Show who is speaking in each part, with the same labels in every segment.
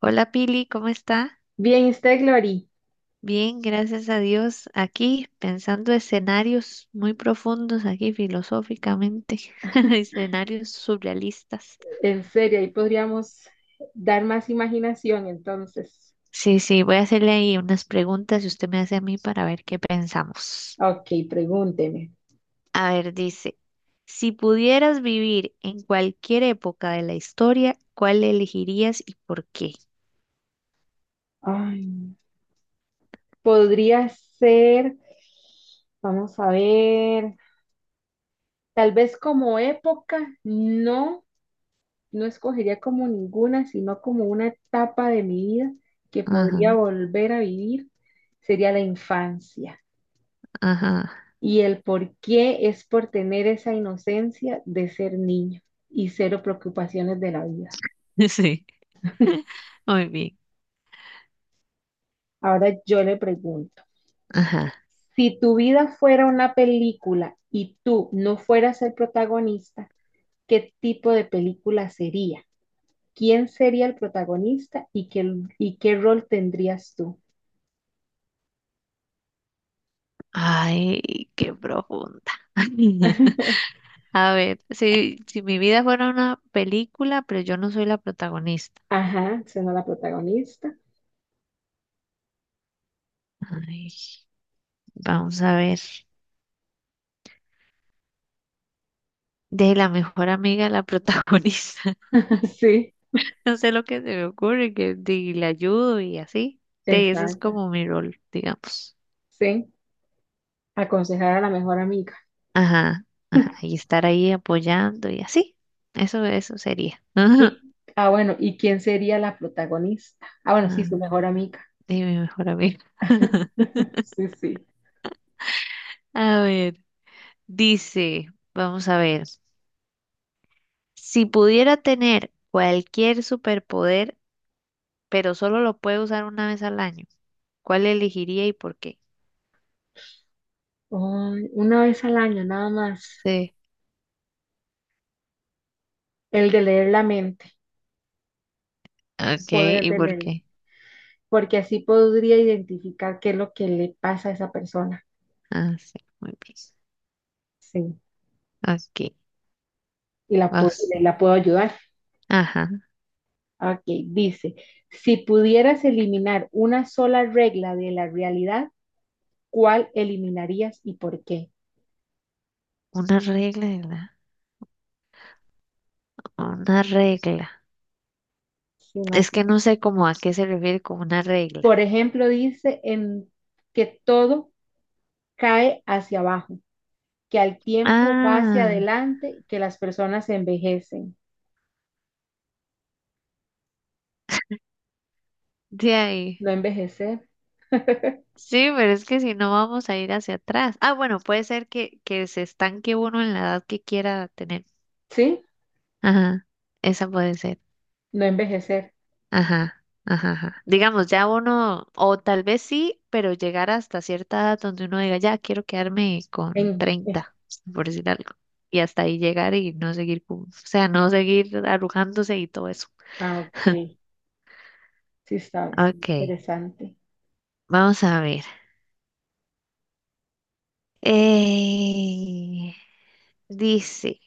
Speaker 1: Hola Pili, ¿cómo está?
Speaker 2: Bien, usted, Glory,
Speaker 1: Bien, gracias a Dios. Aquí pensando escenarios muy profundos, aquí filosóficamente, escenarios surrealistas.
Speaker 2: en serio, ahí podríamos dar más imaginación, entonces.
Speaker 1: Sí, voy a hacerle ahí unas preguntas y usted me hace a mí para ver qué pensamos.
Speaker 2: Ok, pregúnteme.
Speaker 1: A ver, dice, si pudieras vivir en cualquier época de la historia, ¿cuál elegirías y por qué?
Speaker 2: Ay, podría ser, vamos a ver, tal vez como época, no, no escogería como ninguna, sino como una etapa de mi vida que
Speaker 1: Ajá,
Speaker 2: podría volver a vivir, sería la infancia.
Speaker 1: ajá.
Speaker 2: Y el por qué es por tener esa inocencia de ser niño y cero preocupaciones de la vida.
Speaker 1: Sí, muy bien.
Speaker 2: Ahora yo le pregunto,
Speaker 1: Ajá.
Speaker 2: si tu vida fuera una película y tú no fueras el protagonista, ¿qué tipo de película sería? ¿Quién sería el protagonista y qué rol tendrías tú?
Speaker 1: Ay, qué profunda. A ver, si mi vida fuera una película, pero yo no soy la protagonista.
Speaker 2: Ajá, siendo la protagonista.
Speaker 1: Ay, vamos a ver. De la mejor amiga de la protagonista.
Speaker 2: Sí,
Speaker 1: No sé lo que se me ocurre, le ayudo y así. De eso es
Speaker 2: exacto.
Speaker 1: como mi rol, digamos.
Speaker 2: Sí, aconsejar a la mejor amiga.
Speaker 1: Ajá, ajá. Y estar ahí apoyando y así. Eso sería. Ajá.
Speaker 2: Bueno, ¿y quién sería la protagonista? Ah, bueno, sí, su
Speaker 1: Ah,
Speaker 2: mejor amiga.
Speaker 1: de mi mejor amiga.
Speaker 2: Sí, sí.
Speaker 1: A ver, dice, vamos a ver. Si pudiera tener cualquier superpoder, pero solo lo puede usar una vez al año. ¿Cuál elegiría y por qué?
Speaker 2: Una vez al año, nada más.
Speaker 1: Sí.
Speaker 2: El de leer la mente,
Speaker 1: Ok,
Speaker 2: poder
Speaker 1: ¿y
Speaker 2: de
Speaker 1: por
Speaker 2: él,
Speaker 1: qué?
Speaker 2: porque así podría identificar qué es lo que le pasa a esa persona.
Speaker 1: Ah, sí, muy bien.
Speaker 2: Sí,
Speaker 1: Ok,
Speaker 2: y
Speaker 1: vamos.
Speaker 2: la puedo ayudar.
Speaker 1: Ajá,
Speaker 2: Ok, dice, si pudieras eliminar una sola regla de la realidad, ¿cuál eliminarías y por qué?
Speaker 1: una regla, una regla.
Speaker 2: Sí, no.
Speaker 1: Es que no sé cómo a qué se refiere con una regla.
Speaker 2: Por ejemplo, dice en que todo cae hacia abajo, que al tiempo va hacia
Speaker 1: Ah,
Speaker 2: adelante, que las personas envejecen.
Speaker 1: de ahí.
Speaker 2: No envejecer,
Speaker 1: Sí, pero es que si no vamos a ir hacia atrás. Ah, bueno, puede ser que se estanque uno en la edad que quiera tener.
Speaker 2: ¿sí?
Speaker 1: Ajá, esa puede ser.
Speaker 2: No envejecer.
Speaker 1: Ajá, ajá, ajá. Digamos, ya uno, o tal vez sí, pero llegar hasta cierta edad donde uno diga, ya quiero quedarme con
Speaker 2: En, eh,
Speaker 1: 30 por decir algo. Y hasta ahí llegar y no seguir, o sea, no seguir arrugándose y todo eso.
Speaker 2: ah, ok. Sí, sabes,
Speaker 1: Ok,
Speaker 2: interesante.
Speaker 1: vamos a ver. Eh, dice,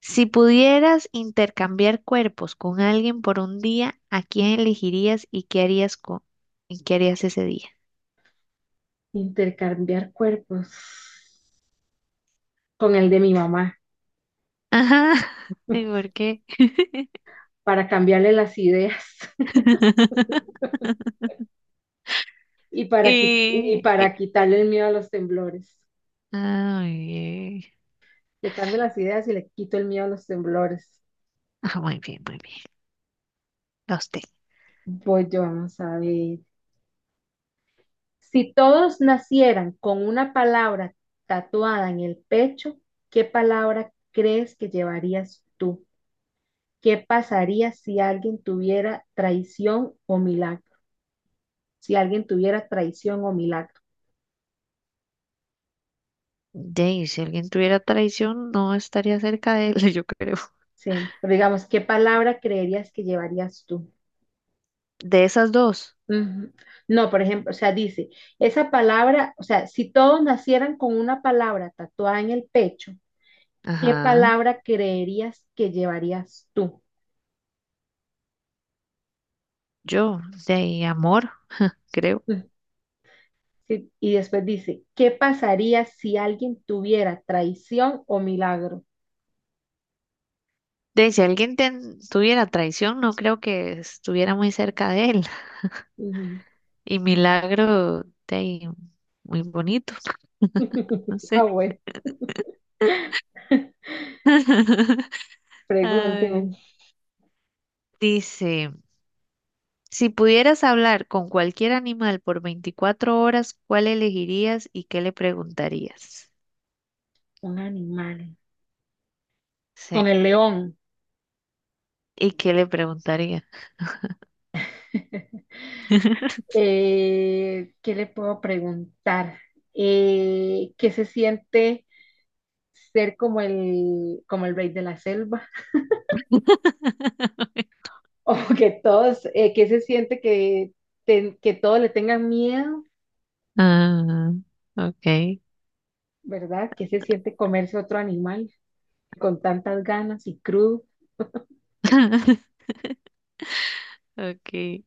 Speaker 1: si pudieras intercambiar cuerpos con alguien por un día, ¿a quién elegirías y qué harías y qué harías ese día?
Speaker 2: Intercambiar cuerpos con el de mi mamá
Speaker 1: Ajá, ¿y por qué?
Speaker 2: para cambiarle las ideas y para, qui- y
Speaker 1: Y, y-
Speaker 2: para quitarle el miedo a los temblores.
Speaker 1: ah, muy bien.
Speaker 2: Le cambio las ideas y le quito el miedo a los temblores.
Speaker 1: Ah, muy bien, muy bien. A usted.
Speaker 2: Voy yo, vamos a ver. Si todos nacieran con una palabra tatuada en el pecho, ¿qué palabra crees que llevarías tú? ¿Qué pasaría si alguien tuviera traición o milagro? Si alguien tuviera traición o milagro.
Speaker 1: Dey, si alguien tuviera traición, no estaría cerca de él, yo creo.
Speaker 2: Sí. Pero digamos, ¿qué palabra creerías que llevarías tú?
Speaker 1: De esas dos.
Speaker 2: Ujú. No, por ejemplo, o sea, dice, esa palabra, o sea, si todos nacieran con una palabra tatuada en el pecho, ¿qué
Speaker 1: Ajá.
Speaker 2: palabra creerías que llevarías tú?
Speaker 1: Yo, de amor, creo.
Speaker 2: Ujú. Sí. Y después dice, ¿qué pasaría si alguien tuviera traición o milagro?
Speaker 1: De si alguien tuviera traición, no creo que estuviera muy cerca de él.
Speaker 2: Ujú.
Speaker 1: Y milagro, de muy bonito, no
Speaker 2: Ah,
Speaker 1: sé.
Speaker 2: bueno,
Speaker 1: Ay.
Speaker 2: pregúnteme.
Speaker 1: Dice. Si pudieras hablar con cualquier animal por 24 horas, ¿cuál elegirías y qué le preguntarías?
Speaker 2: Un animal. Con
Speaker 1: Sí,
Speaker 2: el león.
Speaker 1: ¿y qué le preguntaría?
Speaker 2: ¿Qué le puedo preguntar? ¿Qué se siente ser como como el rey de la selva? O que todos, ¿qué se siente que todos le tengan miedo,
Speaker 1: Ah, ok.
Speaker 2: ¿verdad? ¿Qué se siente comerse otro animal con tantas ganas y crudo?
Speaker 1: Ok.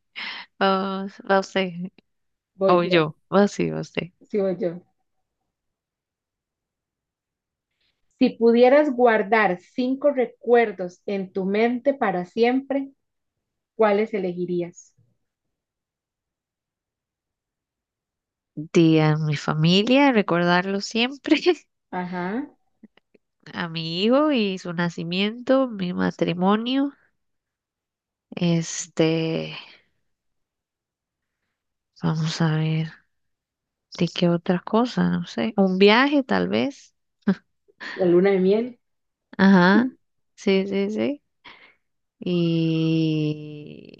Speaker 1: Vamos, va usted.
Speaker 2: Voy
Speaker 1: O
Speaker 2: yo,
Speaker 1: yo. Va sí, va usted.
Speaker 2: sí voy yo. Si pudieras guardar cinco recuerdos en tu mente para siempre, ¿cuáles elegirías?
Speaker 1: Di a mi familia, recordarlo siempre.
Speaker 2: Ajá,
Speaker 1: A mi hijo y su nacimiento, mi matrimonio. Este, vamos a ver. ¿De qué otra cosa? No sé. Un viaje, tal vez.
Speaker 2: la luna de miel.
Speaker 1: Ajá. Sí. Y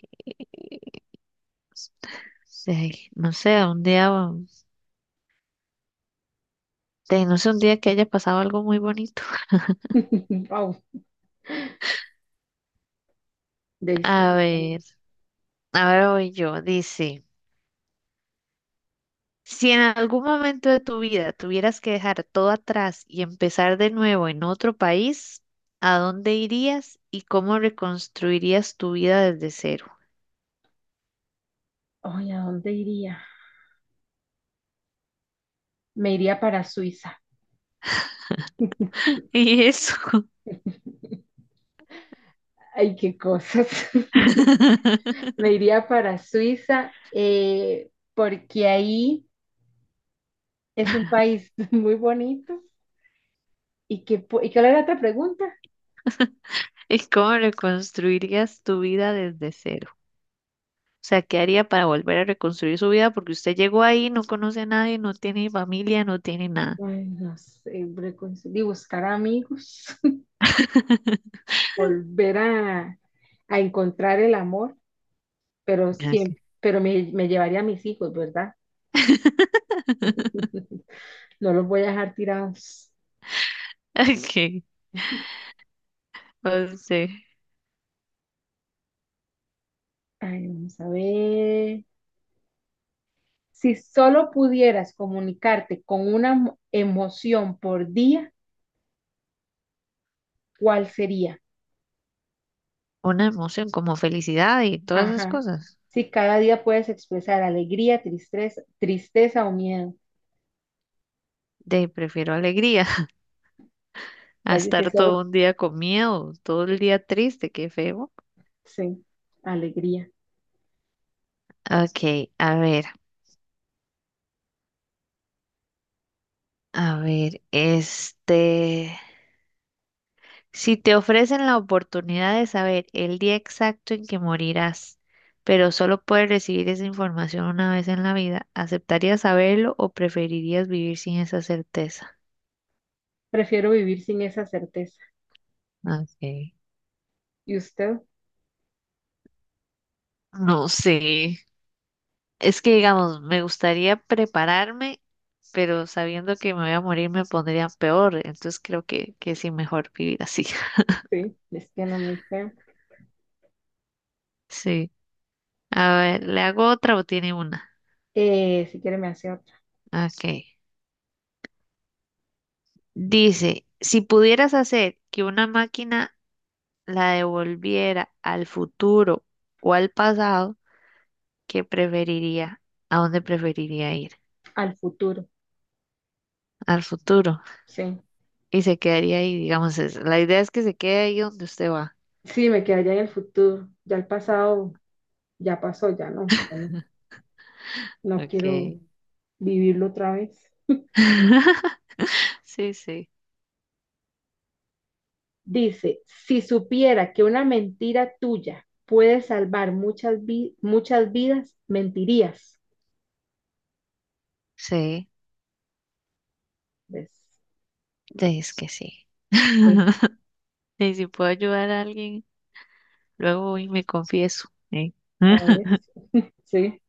Speaker 1: sí, no sé, a un día, no sé, un día que haya pasado algo muy bonito.
Speaker 2: Wow. De
Speaker 1: A
Speaker 2: Suiza.
Speaker 1: ver, a ver, hoy yo, dice, si en algún momento de tu vida tuvieras que dejar todo atrás y empezar de nuevo en otro país, ¿a dónde irías y cómo reconstruirías tu vida desde cero?
Speaker 2: Ay, ¿a dónde iría? Me iría para Suiza.
Speaker 1: Y eso.
Speaker 2: Ay, qué cosas. Me iría para Suiza, porque ahí es un país muy bonito. ¿Y cuál era la otra pregunta?
Speaker 1: ¿Y cómo reconstruirías tu vida desde cero? O sea, ¿qué haría para volver a reconstruir su vida? Porque usted llegó ahí, no conoce a nadie, no tiene familia, no tiene nada.
Speaker 2: Ay, no sé, y buscar amigos, volver a, a encontrar el amor, pero
Speaker 1: Ok,
Speaker 2: siempre, pero me llevaría a mis hijos, ¿verdad? No los voy a dejar tirados.
Speaker 1: ok, no sé.
Speaker 2: Ay, vamos a ver. Si solo pudieras comunicarte con una emoción por día, ¿cuál sería?
Speaker 1: Una emoción como felicidad y todas esas
Speaker 2: Ajá.
Speaker 1: cosas.
Speaker 2: Si cada día puedes expresar alegría, tristeza o miedo.
Speaker 1: De prefiero alegría a
Speaker 2: Tal vez si
Speaker 1: estar todo
Speaker 2: solo,
Speaker 1: un día con miedo, todo el día triste, qué feo.
Speaker 2: sí, alegría.
Speaker 1: Ok, a ver, este. Si te ofrecen la oportunidad de saber el día exacto en que morirás, pero solo puedes recibir esa información una vez en la vida, ¿aceptarías saberlo o preferirías vivir sin esa certeza?
Speaker 2: Prefiero vivir sin esa certeza.
Speaker 1: Ok.
Speaker 2: ¿Y usted?
Speaker 1: No sé. Es que, digamos, me gustaría prepararme, pero sabiendo que me voy a morir me pondría peor. Entonces creo que sí, mejor vivir así.
Speaker 2: Sí, es que no me creo.
Speaker 1: Sí. A ver, ¿le hago otra o tiene una?
Speaker 2: Si quiere me hace otra.
Speaker 1: Ok. Dice, si pudieras hacer que una máquina la devolviera al futuro o al pasado, ¿qué preferiría? ¿A dónde preferiría ir?
Speaker 2: Al futuro,
Speaker 1: Al futuro.
Speaker 2: sí.
Speaker 1: Y se quedaría ahí, digamos, la idea es que se quede ahí donde usted va.
Speaker 2: Sí, me quedaría en el futuro. Ya el pasado, ya pasó, ya no, no quiero
Speaker 1: Ok.
Speaker 2: vivirlo otra vez.
Speaker 1: Sí, sí.
Speaker 2: Dice, si supiera que una mentira tuya puede salvar muchas vidas, mentirías.
Speaker 1: Sí,
Speaker 2: ¿Ves?
Speaker 1: es que sí.
Speaker 2: Sí,
Speaker 1: Y si puedo ayudar a alguien, luego voy y me confieso. ¿Eh?
Speaker 2: a ver, sí.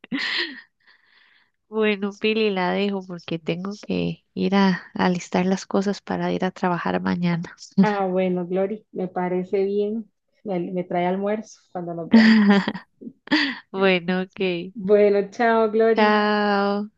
Speaker 1: Bueno, Pili, la dejo porque tengo que ir a alistar las cosas para ir a trabajar mañana.
Speaker 2: Ah, bueno, Glory, me parece bien. Me trae almuerzo cuando nos veamos.
Speaker 1: Bueno, ok.
Speaker 2: Bueno, chao, Glory.
Speaker 1: Chao.